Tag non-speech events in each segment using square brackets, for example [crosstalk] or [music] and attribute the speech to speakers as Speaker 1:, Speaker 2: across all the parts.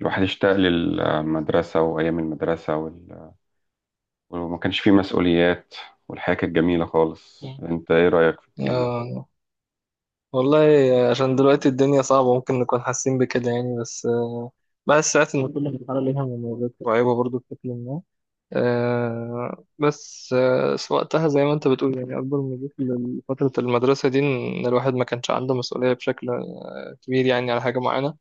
Speaker 1: الواحد اشتاق للمدرسة وأيام المدرسة وما كانش فيه مسؤوليات. والحياة كانت جميلة خالص.
Speaker 2: مم.
Speaker 1: أنت إيه رأيك في الكلام ده؟
Speaker 2: آه، والله عشان دلوقتي الدنيا صعبة ممكن نكون حاسين بكده يعني بس ساعات إن كل مرحلة ليها مميزات وعيوبها برضو بشكل ما. آه، بس آه، وقتها زي ما أنت بتقول يعني أكبر ميزة لفترة المدرسة دي إن الواحد ما كانش عنده مسؤولية بشكل كبير يعني على حاجة معينة.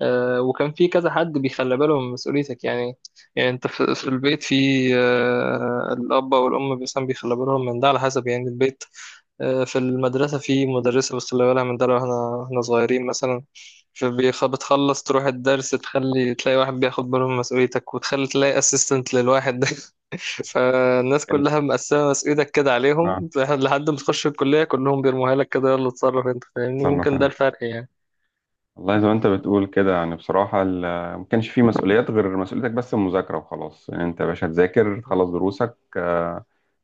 Speaker 2: وكان في كذا حد بيخلي باله من مسؤوليتك يعني. يعني أنت في البيت في آه، الأب أو الأم مثلا بيخلي بالهم من ده على حسب يعني البيت. في المدرسة في مدرسة بس اللي بالها من ده لو احنا صغيرين مثلا. بتخلص تروح الدرس، تخلي تلاقي واحد بياخد باله من مسؤوليتك، وتخلي تلاقي اسيستنت للواحد ده [laughs] فالناس
Speaker 1: كان-
Speaker 2: كلها مقسمة مسؤوليتك كده
Speaker 1: آه،
Speaker 2: عليهم لحد ما تخش الكلية، كلهم بيرموها لك كده، يلا اتصرف انت فاهمني،
Speaker 1: تصرف
Speaker 2: ممكن ده
Speaker 1: أنت.
Speaker 2: الفرق يعني.
Speaker 1: والله زي ما أنت بتقول كده، يعني بصراحة ما كانش فيه مسؤوليات غير مسؤوليتك، بس المذاكرة وخلاص. يعني أنت يا باشا تذاكر، تخلص دروسك،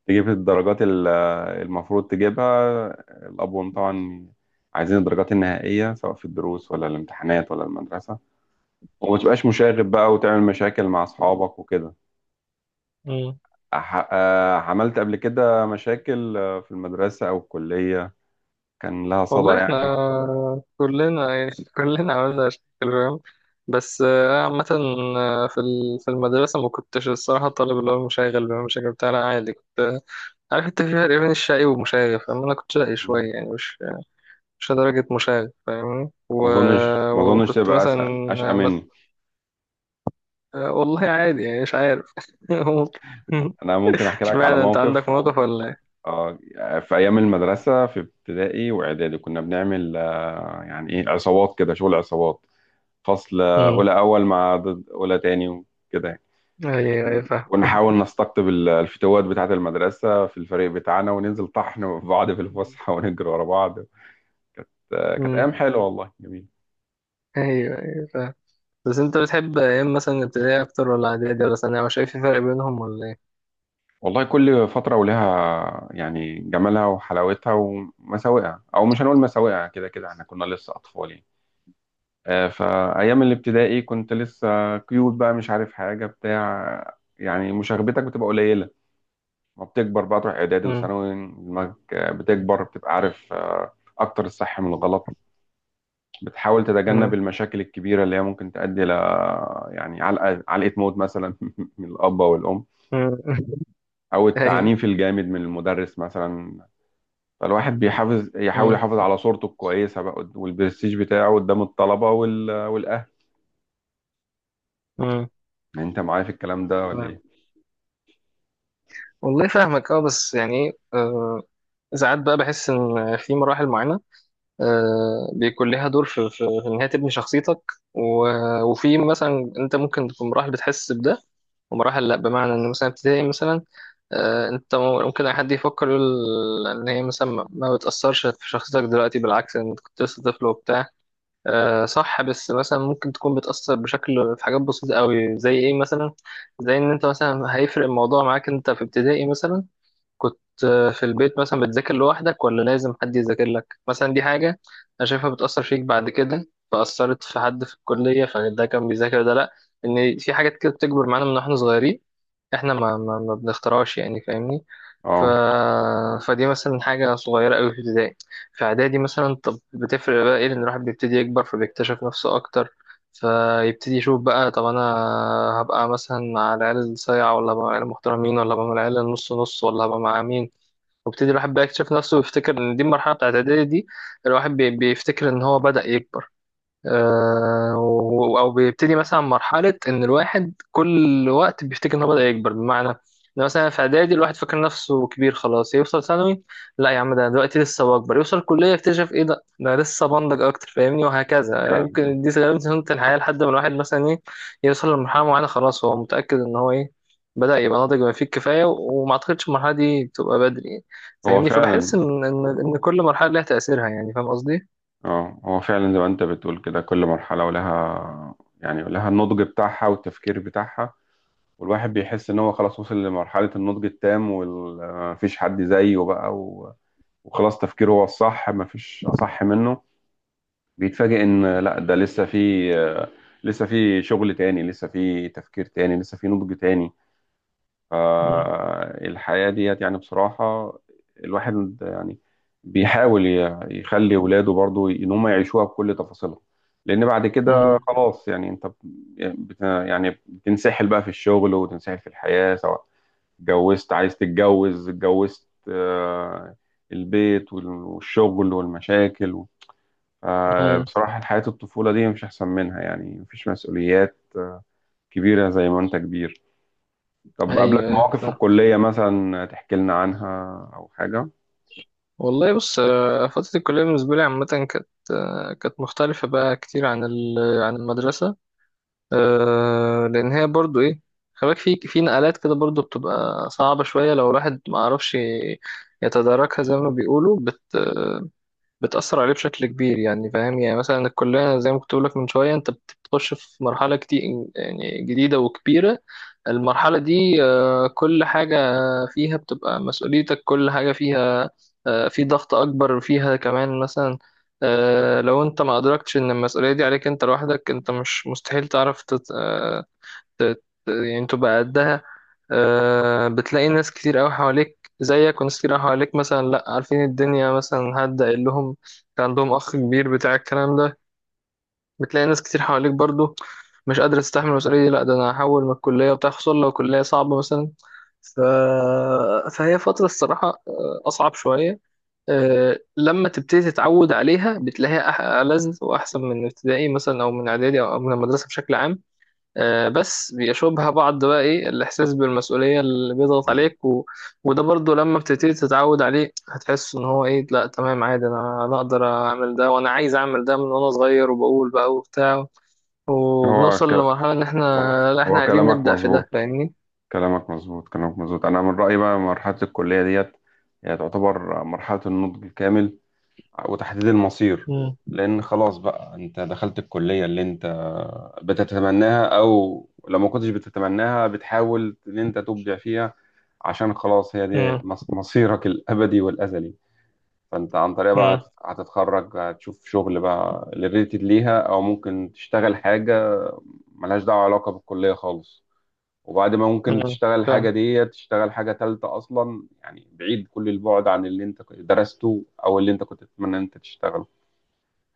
Speaker 1: تجيب الدرجات المفروض تجيبها. الأبوين طبعا عايزين الدرجات النهائية، سواء في الدروس ولا الامتحانات ولا المدرسة. وما تبقاش مشاغب بقى وتعمل مشاكل مع أصحابك وكده. عملت قبل كده مشاكل في المدرسة أو الكلية، كان لها صدى
Speaker 2: والله
Speaker 1: يعني؟
Speaker 2: احنا كلنا يعني [laughs] كلنا عملنا مشاكل فاهم. بس عامة. في المدرسة ما كنتش الصراحة الطالب اللي هو المشاغب بقى، المشاغب بتاع، لا عادي كنت. عارف انت في فرق بين الشقي والمشاغب فاهم، انا كنت شقي
Speaker 1: مم.
Speaker 2: شوية يعني مش لدرجة مشاغب فاهمني
Speaker 1: ما أظنش
Speaker 2: وكنت
Speaker 1: تبقى
Speaker 2: مثلا
Speaker 1: أشقى
Speaker 2: آه، مت...
Speaker 1: مني.
Speaker 2: آه، والله عادي يعني مش عارف [laughs] ممكن.
Speaker 1: أنا ممكن أحكي لك على
Speaker 2: اشمعنى انت عندك
Speaker 1: موقف.
Speaker 2: موقف ولا ايه؟
Speaker 1: آه، في أيام المدرسة في ابتدائي وإعدادي، كنا بنعمل يعني إيه، عصابات كده، شغل عصابات. فصل
Speaker 2: مم.
Speaker 1: أولى أول مع ضد أولى تاني وكده يعني.
Speaker 2: ايوه ايوه فاهم.
Speaker 1: ونحاول نستقطب الفتوات بتاعة المدرسة في الفريق بتاعنا، وننزل طحن في بعض في الفسحة [laughs] ونجري ورا بعض. كانت
Speaker 2: مم.
Speaker 1: أيام حلوة والله، جميل.
Speaker 2: ايوه ايوه فاهم. بس انت بتحب ايام مثلا ابتدائي اكتر ولا اعدادي ولا ثانوي، مش شايف في فرق بينهم ولا ايه؟
Speaker 1: والله كل فترة ولها يعني جمالها وحلاوتها ومساوئها، أو مش هنقول مساوئها، كده كده احنا كنا لسه أطفال يعني. فأيام الابتدائي كنت لسه كيوت بقى، مش عارف حاجة بتاع، يعني مشاغبتك بتبقى قليلة. ما بتكبر بقى تروح إعدادي
Speaker 2: مم.
Speaker 1: وثانوي، دماغك بتكبر، بتبقى عارف أكتر الصح من الغلط. بتحاول تتجنب
Speaker 2: مم.
Speaker 1: المشاكل الكبيرة اللي هي ممكن تؤدي ل، يعني علقة موت مثلا [laughs] من الأب أو الأم،
Speaker 2: مم. [laughs]
Speaker 1: او
Speaker 2: اي.
Speaker 1: التعنيف الجامد من المدرس مثلا. فالواحد يحاول
Speaker 2: مم.
Speaker 1: يحافظ على صورته الكويسة بقى، والبرستيج بتاعه قدام الطلبة والأهل.
Speaker 2: مم.
Speaker 1: يعني أنت معايا في الكلام ده ولا إيه؟
Speaker 2: فاهمك. والله فاهمك بس يعني ساعات بقى بحس ان في مراحل معينة بيكون لها دور في إن هي تبني شخصيتك وفي مثلا أنت ممكن في مراحل بتحس بده ومراحل لأ، بمعنى إن مثلا ابتدائي مثلا أنت ممكن أي حد يفكر يقول إن هي مثلا ما بتأثرش في شخصيتك دلوقتي، بالعكس أنت كنت لسه طفل وبتاع. صح بس مثلا ممكن تكون بتأثر بشكل في حاجات بسيطة أوي زي إيه مثلا، زي إن أنت مثلا هيفرق الموضوع معاك أنت في ابتدائي مثلا كنت في البيت مثلا بتذاكر لوحدك ولا لازم حد يذاكر لك مثلا، دي حاجة أنا شايفها بتأثر فيك بعد كده، فأثرت في حد في الكلية فده كان بيذاكر ده لأ. إن في حاجات كده بتكبر معانا من واحنا صغيرين، إحنا ما بنختارهاش يعني فاهمني. ف...
Speaker 1: أه،
Speaker 2: فدي مثلا حاجة صغيرة أوي في ابتدائي. في إعدادي مثلا طب بتفرق بقى إيه، لأن الواحد بيبتدي يكبر فبيكتشف نفسه أكتر، فيبتدي يشوف بقى طب انا هبقى مثلا مع العيال الصايعة ولا هبقى مع العيال المحترمين ولا هبقى مع العيال النص نص ولا هبقى مع مين، ويبتدي الواحد بقى يكتشف نفسه ويفتكر ان دي المرحلة بتاعت اعدادي دي، الواحد بيفتكر ان هو بدأ يكبر. او بيبتدي مثلا مرحله ان الواحد كل وقت بيفتكر ان هو بدا يكبر، بمعنى ان مثلا في اعدادي الواحد فاكر نفسه كبير خلاص يوصل ثانوي، لا يا عم ده أنا دلوقتي لسه بكبر يوصل كليه يكتشف ايه ده أنا لسه بنضج اكتر فاهمني، وهكذا يعني،
Speaker 1: فعلا.
Speaker 2: يمكن دي غالبا سنه الحياه لحد ما الواحد مثلا ايه يوصل لمرحله معينه خلاص هو متاكد ان هو ايه بدا يبقى ناضج بما فيه الكفايه وما اعتقدش المرحله دي تبقى بدري يعني.
Speaker 1: هو
Speaker 2: فاهمني،
Speaker 1: فعلا
Speaker 2: فبحس ان ان إن كل مرحله لها تاثيرها يعني، فاهم قصدي؟
Speaker 1: هو فعلا زي ما أنت بتقول كده، كل مرحلة ولها النضج بتاعها والتفكير بتاعها. والواحد بيحس إن هو خلاص وصل لمرحلة النضج التام، ومفيش حد زيه بقى وخلاص تفكيره هو الصح، مفيش أصح منه. بيتفاجئ ان لا، ده لسه في شغل تاني، لسه في تفكير تاني، لسه في نضج تاني.
Speaker 2: مم.
Speaker 1: فالحياة ديت يعني بصراحة، الواحد يعني بيحاول يخلي ولاده برضو ان هم يعيشوها بكل تفاصيلها. لان بعد كده خلاص يعني، انت بت يعني بتنسحل بقى في الشغل، وتنسحل في الحياة. سواء اتجوزت عايز تتجوز، اتجوزت البيت والشغل والمشاكل.
Speaker 2: مم.
Speaker 1: فبصراحة حياة الطفولة دي مش أحسن منها، يعني مفيش مسؤوليات كبيرة زي ما أنت كبير. طب قابلك
Speaker 2: ايوه ايوه
Speaker 1: مواقف في
Speaker 2: صح.
Speaker 1: الكلية مثلا تحكي لنا عنها أو حاجة؟
Speaker 2: والله بص، فترة الكلية بالنسبة لي عامة كانت مختلفة بقى كتير عن المدرسة. لأن هي برضو إيه، خلاك في نقلات كده برضو بتبقى صعبة شوية لو الواحد ما عرفش يتداركها زي ما بيقولوا، بتأثر عليه بشكل كبير يعني فاهم، يعني مثلا الكلية زي ما كنت بقولك من شوية أنت بتخش في مرحلة كتير يعني جديدة وكبيرة. المرحلة دي كل حاجة فيها بتبقى مسؤوليتك، كل حاجة فيها في ضغط أكبر فيها كمان مثلا. لو أنت ما أدركتش إن المسؤولية دي عليك أنت لوحدك أنت مش مستحيل تعرف يعني تبقى قدها. بتلاقي ناس كتير قوي حواليك زيك، وناس كتير قوي حواليك مثلا لا عارفين الدنيا مثلا، حد قايل لهم كان عندهم اخ كبير بتاع الكلام ده. بتلاقي ناس كتير حواليك برضو مش قادرة تستحمل المسؤولية دي، لا ده انا هحول من الكلية بتاع، خصوصا لو كلية صعبة مثلا. ف... فهي فترة الصراحة أصعب شوية. لما تبتدي تتعود عليها بتلاقيها ألذ وأحسن من ابتدائي مثلا أو من إعدادي أو من المدرسة بشكل عام. بس بيشوبها بعض بقى ايه الاحساس بالمسؤوليه اللي بيضغط
Speaker 1: مم.
Speaker 2: عليك وده برضو لما بتبتدي تتعود عليه هتحس ان هو ايه، لا تمام عادي، انا اقدر اعمل ده وانا عايز اعمل ده من وانا صغير وبقول بقى وبتاع،
Speaker 1: هو
Speaker 2: وبنوصل
Speaker 1: ك...
Speaker 2: لمرحله ان احنا لا احنا
Speaker 1: هو
Speaker 2: عايزين
Speaker 1: كلامك
Speaker 2: نبدا في ده
Speaker 1: مظبوط،
Speaker 2: فاهمني.
Speaker 1: كلامك مظبوط، كلامك مظبوط. أنا من رأيي بقى مرحلة الكلية ديت هي تعتبر مرحلة النضج الكامل وتحديد المصير.
Speaker 2: امم.
Speaker 1: لأن خلاص بقى أنت دخلت الكلية اللي أنت بتتمناها، أو لو ما كنتش بتتمناها بتحاول إن أنت تبدع فيها، عشان خلاص هي دي
Speaker 2: امم.
Speaker 1: مصيرك الأبدي والأزلي. فأنت عن طريقها بقى
Speaker 2: امم.
Speaker 1: هتتخرج، هتشوف شغل بقى ريليتد ليها، أو ممكن تشتغل حاجة ملهاش دعوة علاقة بالكلية خالص. وبعد ما ممكن
Speaker 2: امم.
Speaker 1: تشتغل الحاجة
Speaker 2: فاهم.
Speaker 1: دي، تشتغل حاجة تالتة أصلا يعني، بعيد كل البعد عن اللي أنت درسته أو اللي أنت كنت تتمنى إن أنت تشتغله.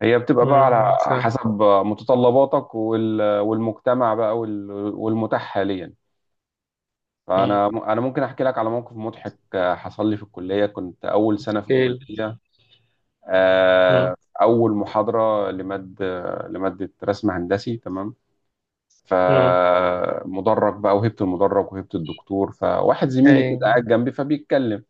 Speaker 1: هي بتبقى بقى على
Speaker 2: امم. فاهم.
Speaker 1: حسب متطلباتك والمجتمع بقى والمتاح حاليا.
Speaker 2: امم.
Speaker 1: فانا ممكن احكي لك على موقف مضحك حصل لي في الكليه. كنت اول سنه في
Speaker 2: كيل.
Speaker 1: الكليه. آه،
Speaker 2: امم.
Speaker 1: اول محاضره لماده رسم هندسي تمام.
Speaker 2: امم.
Speaker 1: فمدرج بقى، وهبت المدرج، وهبت الدكتور، فواحد زميلي كده
Speaker 2: اي.
Speaker 1: قاعد جنبي فبيتكلم.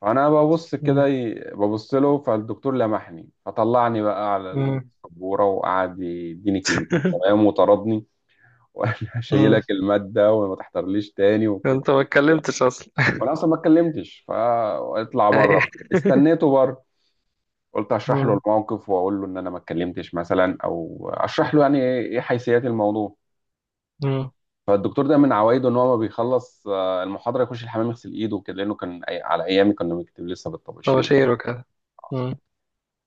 Speaker 1: فانا ببص كده،
Speaker 2: امم.
Speaker 1: ببص له. فالدكتور لمحني، فطلعني بقى على
Speaker 2: امم.
Speaker 1: السبوره وقعد يديني كلمتين، تمام، وطردني [laughs] وقال لي
Speaker 2: أمم.
Speaker 1: هشيلك الماده وما تحضرليش تاني
Speaker 2: [laughs]
Speaker 1: وكده.
Speaker 2: انت ما اتكلمتش اصلا [laughs]
Speaker 1: وانا اصلا ما اتكلمتش. فاطلع
Speaker 2: اي
Speaker 1: بره، استنيته بره، قلت اشرح له
Speaker 2: [laughs]
Speaker 1: الموقف واقول له ان انا ما اتكلمتش مثلا، او اشرح له يعني إيه حيثيات الموضوع.
Speaker 2: مم.
Speaker 1: فالدكتور ده من عوايده ان هو ما بيخلص المحاضره يخش الحمام يغسل ايده وكده، لانه كان على ايامي كنا بنكتب لسه بالطباشير.
Speaker 2: طباشير وكذا. مم.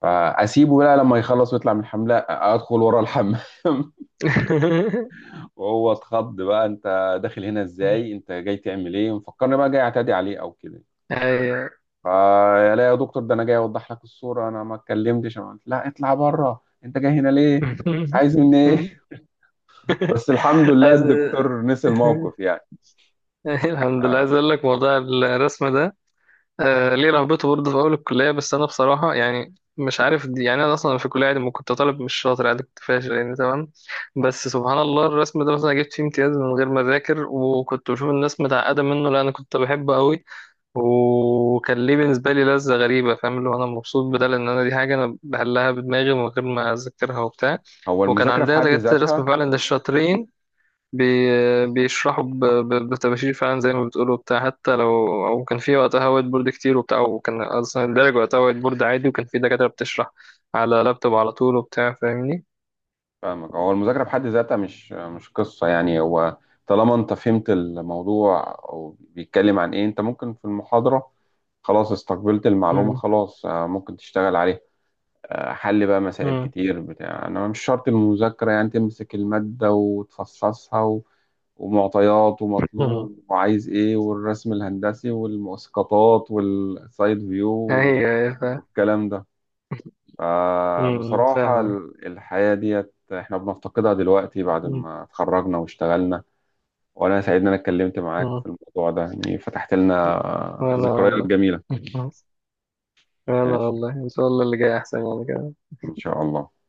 Speaker 1: فاسيبه بقى لما يخلص ويطلع من الحمام، لا ادخل ورا الحمام [laughs]
Speaker 2: [laughs]
Speaker 1: وهو اتخض بقى، انت داخل هنا ازاي؟ انت جاي تعمل ايه؟ مفكرني بقى جاي اعتدي عليه او كده.
Speaker 2: أيوة.
Speaker 1: فلا يا دكتور، ده انا جاي اوضح لك الصوره، انا ما اتكلمتش. انا قلت لا، اطلع بره، انت جاي هنا ليه؟
Speaker 2: [laughs]
Speaker 1: عايز مني ايه؟ [laughs] بس الحمد لله
Speaker 2: عايز [laughs]
Speaker 1: الدكتور نسي الموقف يعني.
Speaker 2: الحمد لله،
Speaker 1: آه.
Speaker 2: عايز اقول لك موضوع الرسم ده، ليه رهبته برضه في اول الكليه، بس انا بصراحه يعني مش عارف دي يعني، انا اصلا في الكليه عادي ما كنت طالب مش شاطر، عادي كنت فاشل يعني تمام. بس سبحان الله الرسم ده مثلا جبت فيه امتياز من غير ما اذاكر، وكنت بشوف الناس متعقده منه، لا انا كنت بحبه قوي، وكان ليه بالنسبة لي لذة غريبة فاهم، اللي هو أنا مبسوط بدل إن أنا دي حاجة أنا بحلها بدماغي من غير ما أذكرها وبتاع.
Speaker 1: هو
Speaker 2: وكان
Speaker 1: المذاكره في
Speaker 2: عندها
Speaker 1: حد
Speaker 2: دكاترة الرسم
Speaker 1: ذاتها.
Speaker 2: فعلا ده الشاطرين، بي... بيشرحوا بتباشير فعلا زي ما بتقولوا بتاع، حتى لو أو كان في وقتها وايت بورد كتير وبتاع، وكان أصلا الدرج وقتها وايت بورد عادي، وكان في دكاترة بتشرح على لابتوب على طول وبتاع، فاهمني؟
Speaker 1: فاهمك. هو المذاكرة بحد ذاتها مش قصة يعني. هو طالما انت فهمت الموضوع او بيتكلم عن ايه، انت ممكن في المحاضرة خلاص استقبلت المعلومة،
Speaker 2: مم.
Speaker 1: خلاص ممكن تشتغل عليها. حل بقى مسائل
Speaker 2: مم.
Speaker 1: كتير بتاع، انا مش شرط المذاكرة يعني تمسك المادة وتفصصها ومعطيات
Speaker 2: مم.
Speaker 1: ومطلوب وعايز ايه، والرسم الهندسي والمؤسقطات والسايد فيو
Speaker 2: أيوه أيوه فاهم.
Speaker 1: والكلام ده.
Speaker 2: مم.
Speaker 1: فبصراحة
Speaker 2: فاهمك.
Speaker 1: الحياة ديت احنا بنفتقدها دلوقتي بعد
Speaker 2: مم.
Speaker 1: ما اتخرجنا واشتغلنا. وانا سعيد ان انا اتكلمت معاك
Speaker 2: مم.
Speaker 1: في الموضوع ده، يعني فتحت لنا
Speaker 2: وأنا،
Speaker 1: ذكريات
Speaker 2: والله،
Speaker 1: جميلة.
Speaker 2: انا
Speaker 1: ماشي،
Speaker 2: والله ان شاء الله اللي جاي احسن يعني.
Speaker 1: ان شاء الله.